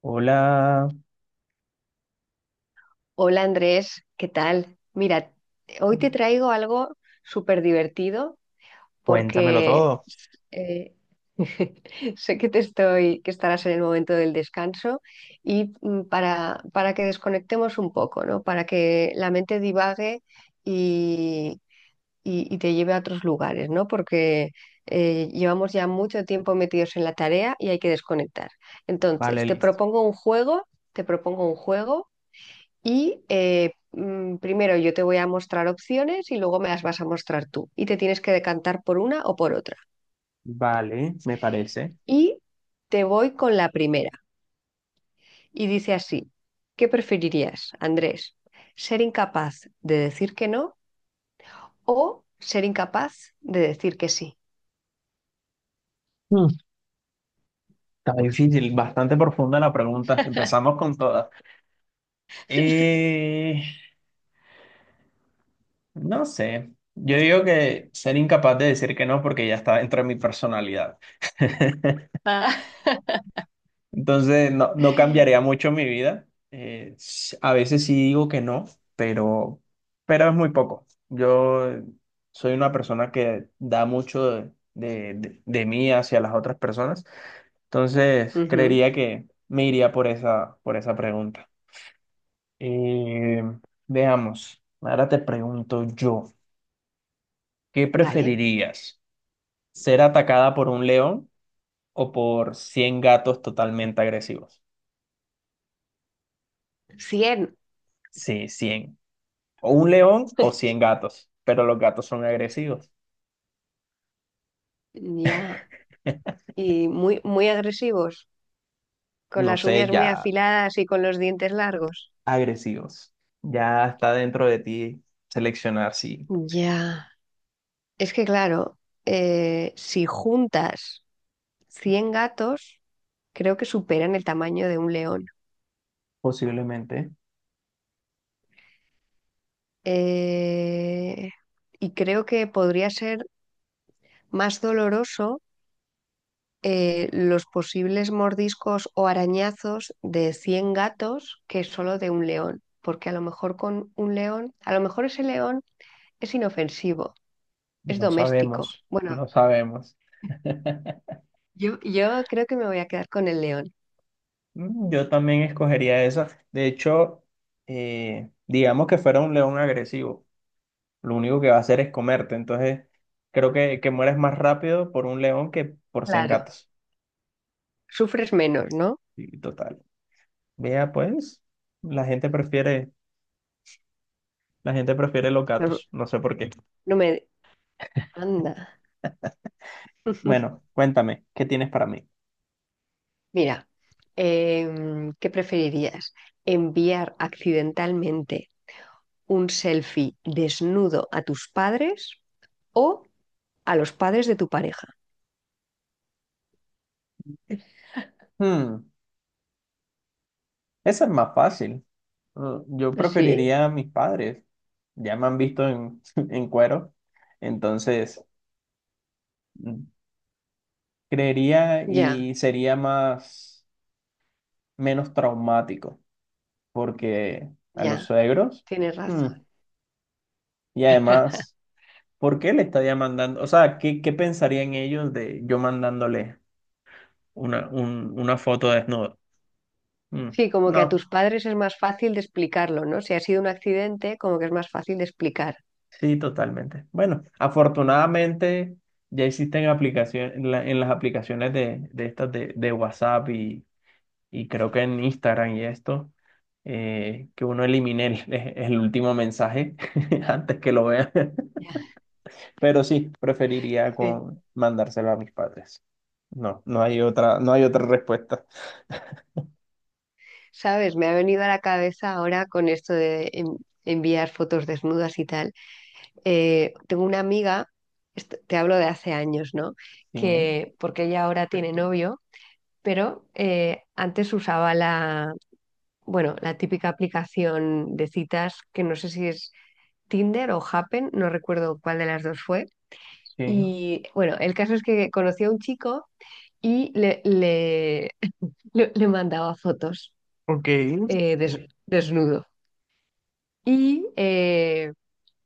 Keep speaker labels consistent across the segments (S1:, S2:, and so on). S1: Hola,
S2: Hola Andrés, ¿qué tal? Mira, hoy te traigo algo súper divertido
S1: cuéntamelo
S2: porque
S1: todo.
S2: eh, sé que estarás en el momento del descanso y para que desconectemos un poco, ¿no? Para que la mente divague y, y te lleve a otros lugares, ¿no? Porque llevamos ya mucho tiempo metidos en la tarea y hay que desconectar.
S1: Vale,
S2: Entonces, te
S1: listo.
S2: propongo un juego, te propongo un juego y primero yo te voy a mostrar opciones y luego me las vas a mostrar tú. Y te tienes que decantar por una o por otra.
S1: Vale, me parece.
S2: Y te voy con la primera. Y dice así, ¿qué preferirías, Andrés? ¿Ser incapaz de decir que no o ser incapaz de decir que sí?
S1: Mm, Está difícil, bastante profunda la pregunta. Empezamos con todas. Eh, no sé. Yo digo que ser incapaz de decir que no porque ya está dentro de mi personalidad. Entonces, no, no cambiaría mucho mi vida. A veces sí digo que no, pero, pero es muy poco. Yo soy una persona que da mucho de mí hacia las otras personas. Entonces,
S2: Ujú.
S1: creería que me iría por esa pregunta. Eh, veamos, ahora te pregunto yo, ¿qué
S2: Vale.
S1: preferirías? ¿Ser atacada por un león o por 100 gatos totalmente agresivos?
S2: Cien.
S1: Sí, cien. O un león o 100 gatos, pero los gatos son agresivos.
S2: Ya. Y muy, muy agresivos, con
S1: No
S2: las
S1: sé,
S2: uñas
S1: ya
S2: muy afiladas y con los dientes largos.
S1: agresivos. Ya está dentro de ti seleccionar si
S2: Ya. Es que claro, si juntas 100 gatos, creo que superan el tamaño de un león.
S1: posiblemente.
S2: Eh, y creo que podría ser más doloroso, los posibles mordiscos o arañazos de 100 gatos que solo de un león. Porque a lo mejor con un león, a lo mejor ese león es inofensivo, es
S1: No
S2: doméstico.
S1: sabemos,
S2: Bueno,
S1: no sabemos.
S2: yo creo que me voy a quedar con el león.
S1: Yo también escogería esa. De hecho, digamos que fuera un león agresivo. Lo único que va a hacer es comerte. Entonces, creo que, mueres más rápido por un león que por 100
S2: Claro.
S1: gatos.
S2: Sufres menos, ¿no?
S1: Y total. Vea, pues, la gente prefiere La gente prefiere los
S2: No,
S1: gatos, no sé por qué.
S2: no me, anda.
S1: Bueno, cuéntame, ¿qué tienes para mí?
S2: Mira, ¿qué preferirías? ¿Enviar accidentalmente un selfie desnudo a tus padres o a los padres de tu pareja?
S1: Hmm, esa es más fácil. Yo
S2: ¿Sí?
S1: preferiría a mis padres. Ya me han visto en cuero. Entonces, mm, creería
S2: Ya,
S1: y sería más, menos traumático. Porque a los
S2: ya,
S1: suegros,
S2: tienes
S1: mm,
S2: razón.
S1: y además, ¿por qué le estaría mandando? O sea, ¿qué pensarían ellos de yo mandándole una foto desnuda? Mm.
S2: Sí, como que a
S1: No.
S2: tus padres es más fácil de explicarlo, ¿no? Si ha sido un accidente, como que es más fácil de explicar.
S1: Sí, totalmente. Bueno, afortunadamente ya existen aplicaciones en las aplicaciones de, estas de WhatsApp y creo que en Instagram y esto, que uno elimine el último mensaje antes que lo vea.
S2: Ya,
S1: Pero sí, preferiría
S2: sí.
S1: con mandárselo a mis padres. No, no hay otra, no hay otra respuesta.
S2: ¿Sabes? Me ha venido a la cabeza ahora con esto de enviar fotos desnudas y tal. Tengo una amiga, te hablo de hace años, ¿no?
S1: Sí,
S2: Que porque ella ahora tiene novio, pero antes usaba bueno, la típica aplicación de citas, que no sé si es Tinder o Happen, no recuerdo cuál de las dos fue.
S1: sí.
S2: Y bueno, el caso es que conoció a un chico y le mandaba fotos,
S1: Ok.
S2: eh, des- desnudo. Y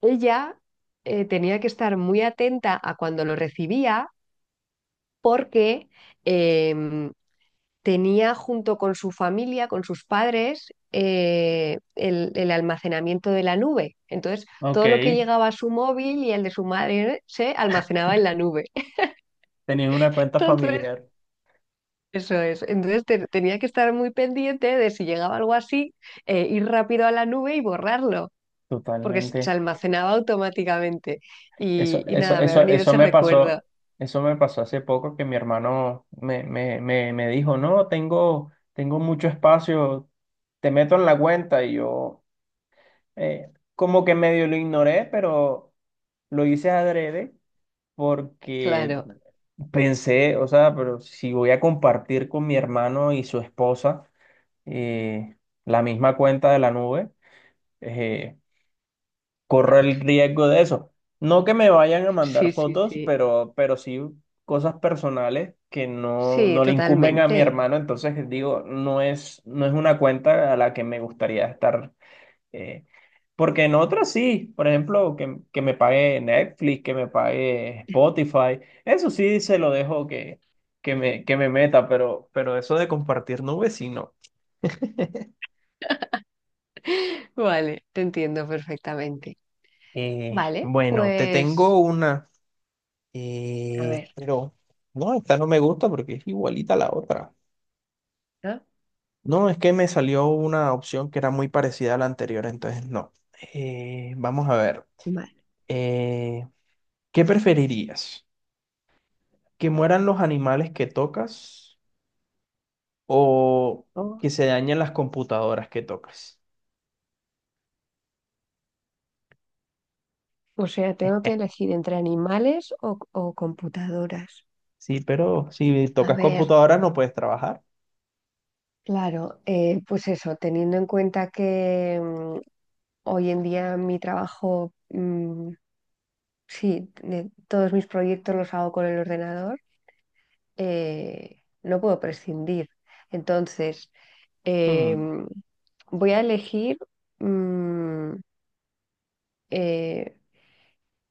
S2: ella tenía que estar muy atenta a cuando lo recibía porque em, tenía junto con su familia, con sus padres, el almacenamiento de la nube. Entonces,
S1: Ok,
S2: todo lo que llegaba a su móvil y el de su madre se almacenaba en la nube.
S1: tenías una cuenta
S2: Entonces,
S1: familiar.
S2: eso es. Entonces, tenía que estar muy pendiente de si llegaba algo así, ir rápido a la nube y borrarlo, porque se
S1: Totalmente.
S2: almacenaba automáticamente. Y,
S1: Eso,
S2: y
S1: eso,
S2: nada, me ha
S1: eso,
S2: venido ese recuerdo.
S1: eso me pasó hace poco que mi hermano me dijo, no, tengo mucho espacio, te meto en la cuenta y yo como que medio lo ignoré, pero lo hice adrede porque
S2: Claro,
S1: pensé, o sea, pero si voy a compartir con mi hermano y su esposa eh, la misma cuenta de la nube, eh, corro el riesgo de eso. No que me vayan a mandar
S2: sí, sí,
S1: fotos,
S2: sí.
S1: pero sí cosas personales que no,
S2: Sí,
S1: no le incumben a mi
S2: totalmente.
S1: hermano. Entonces digo, no es, no es una cuenta a la que me gustaría estar. eh, porque en otras sí, por ejemplo, que me pague Netflix, que me pague Spotify, eso sí se lo dejo que, que me meta, pero eso de compartir nubes, sí, no.
S2: Vale, te entiendo perfectamente.
S1: Eh,
S2: Vale,
S1: bueno, te
S2: pues,
S1: tengo una.
S2: a
S1: Eh,
S2: ver,
S1: pero no, esta no me gusta porque es igualita a la otra.
S2: ¿no?
S1: No, es que me salió una opción que era muy parecida a la anterior, entonces no. Vamos a ver.
S2: Vale.
S1: Eh, ¿qué preferirías? ¿Que mueran los animales que tocas o
S2: O,
S1: que se dañen las computadoras que tocas?
S2: o sea, tengo que elegir entre animales o computadoras.
S1: Sí, pero si
S2: A
S1: tocas
S2: ver,
S1: computadoras no puedes trabajar.
S2: claro, pues eso, teniendo en cuenta que hoy en día mi trabajo, sí, todos mis proyectos los hago con el ordenador, no puedo prescindir. Entonces,
S1: Hmm,
S2: em, voy a elegir, mm, eh,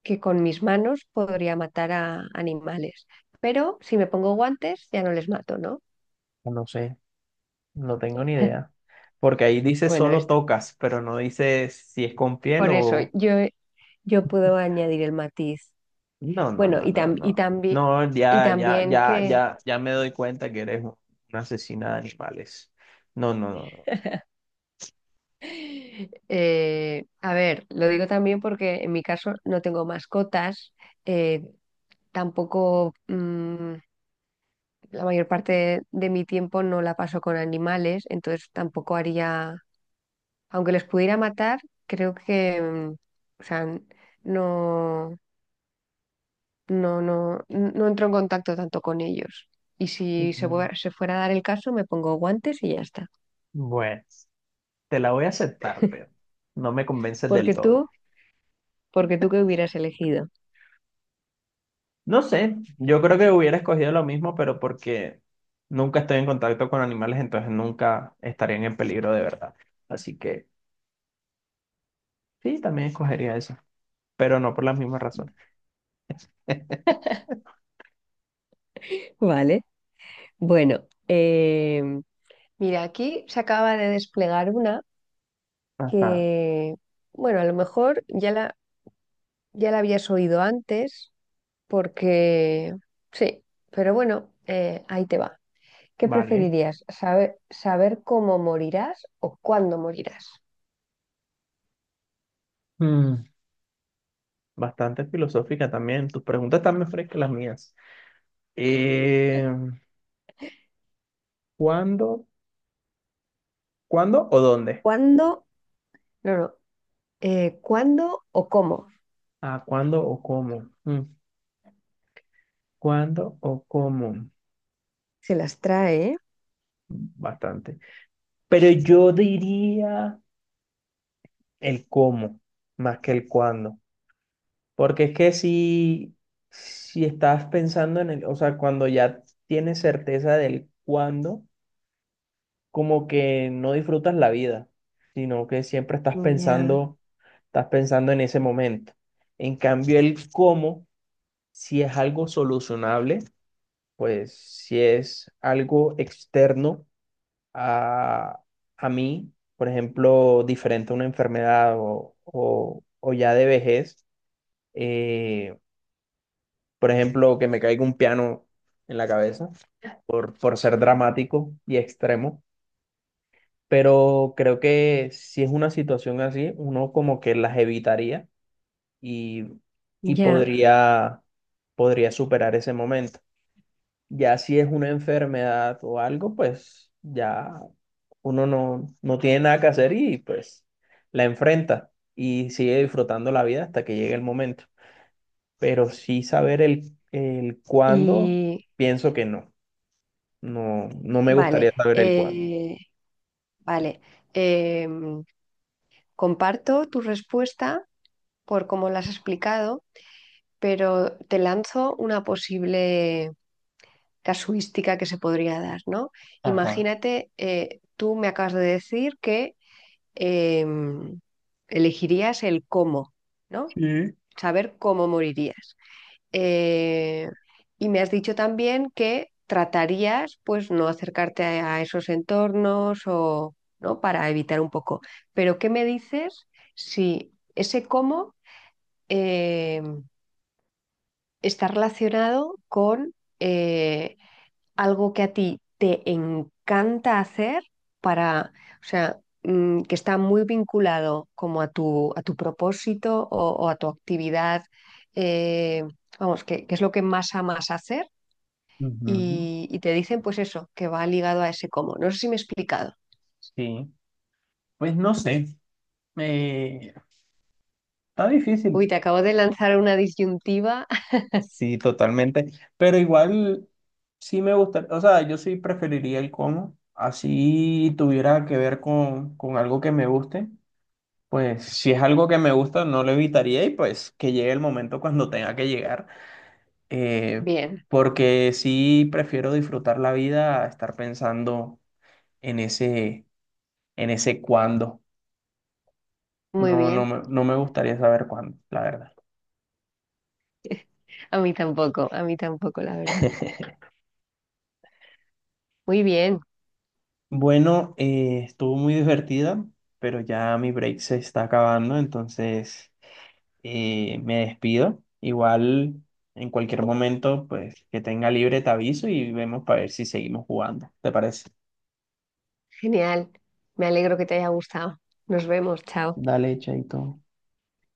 S2: que con mis manos podría matar a animales, pero si me pongo guantes ya no les mato, ¿no?
S1: no sé, no tengo ni idea. Porque ahí dice
S2: Bueno,
S1: solo tocas, pero no dice si es con piel
S2: por eso
S1: o...
S2: yo puedo añadir el matiz.
S1: No, no,
S2: Bueno,
S1: no,
S2: y,
S1: no,
S2: tam- y,
S1: no.
S2: tambi-
S1: No,
S2: y
S1: ya, ya,
S2: también
S1: ya,
S2: que,
S1: ya, ya me doy cuenta que eres una asesina de animales. No, no, no.
S2: a ver, lo digo también porque en mi caso no tengo mascotas, eh, tampoco, mm, la mayor parte de mi tiempo no la paso con animales, entonces tampoco haría. Aunque les pudiera matar, creo que, o sea, no, no entro en contacto tanto con ellos. Y
S1: No.
S2: si
S1: Mm,
S2: se fuera a dar el caso, me pongo guantes y ya está.
S1: Bueno, te la voy a aceptar, pero no me convences del
S2: Porque
S1: todo.
S2: tú, porque tú qué hubieras elegido.
S1: No sé, yo creo que hubiera escogido lo mismo, pero porque nunca estoy en contacto con animales, entonces nunca estarían en peligro de verdad. Así que sí, también escogería eso, pero no por las mismas razones.
S2: Vale. Bueno, em, mira, aquí se acaba de desplegar una
S1: Ajá,
S2: que, bueno, a lo mejor ya la habías oído antes, porque sí, pero bueno, ahí te va. ¿Qué
S1: vale.
S2: preferirías? ¿Saber cómo morirás o cuándo morirás?
S1: Mm, bastante filosófica también. Tus preguntas están más frescas que las mías. Eh, ¿cuándo? ¿Cuándo o dónde?
S2: ¿Cuándo? No, no. ¿Cuándo o cómo?
S1: Ah, ¿cuándo o cómo? ¿Cuándo o cómo?
S2: Se las trae, ¿eh?
S1: Bastante. Pero yo diría el cómo más que el cuándo. Porque es que si estás pensando en el, o sea, cuando ya tienes certeza del cuándo, como que no disfrutas la vida, sino que siempre estás
S2: Ya,
S1: pensando, estás pensando en ese momento. En cambio, el cómo, si es algo solucionable, pues si es algo externo a, a mí, por ejemplo, diferente a una enfermedad o ya de vejez, eh, por ejemplo, que me caiga un piano en la cabeza por ser dramático y extremo. Pero creo que si es una situación así, uno como que las evitaría y, y
S2: ya.
S1: podría superar ese momento. Ya si es una enfermedad o algo, pues ya uno no, no tiene nada que hacer y pues la enfrenta y sigue disfrutando la vida hasta que llegue el momento. Pero sí saber el cuándo,
S2: Y
S1: pienso que no. No, no me gustaría
S2: vale,
S1: saber el cuándo.
S2: vale. Em, Comparto tu respuesta por cómo la has explicado, pero te lanzo una posible casuística que se podría dar, ¿no?
S1: Ajá.
S2: Imagínate, tú me acabas de decir que eh, elegirías el cómo, ¿no?
S1: Sí.
S2: Saber cómo morirías. Eh, y me has dicho también que tratarías, pues, no acercarte a esos entornos, o ¿no? Para evitar un poco. Pero, ¿qué me dices si ese cómo eh, está relacionado con eh, algo que a ti te encanta hacer, para, o sea, que está muy vinculado como a tu propósito, o a tu actividad, eh, vamos, que es lo que más amas hacer,
S1: Ujú.
S2: y te dicen pues eso, que va ligado a ese cómo. No sé si me he explicado.
S1: Sí. Pues no sé, eh, está
S2: Uy,
S1: difícil,
S2: te acabo de lanzar una disyuntiva.
S1: sí, totalmente, pero igual sí me gusta, o sea, yo sí preferiría el cómo, así tuviera que ver con, algo que me guste, pues si es algo que me gusta no lo evitaría y pues que llegue el momento cuando tenga que llegar, eh,
S2: Bien,
S1: porque sí prefiero disfrutar la vida a estar pensando en ese, en ese cuándo,
S2: muy
S1: no, no
S2: bien.
S1: me, no me gustaría saber cuándo, la verdad.
S2: A mí tampoco, la verdad. Muy bien,
S1: Bueno, estuvo muy divertida, pero ya mi break se está acabando, entonces me despido. Igual en cualquier momento, pues que tenga libre te aviso y vemos para ver si seguimos jugando. ¿Te parece?
S2: genial. Me alegro que te haya gustado. Nos vemos, chao.
S1: Dale, Chaito.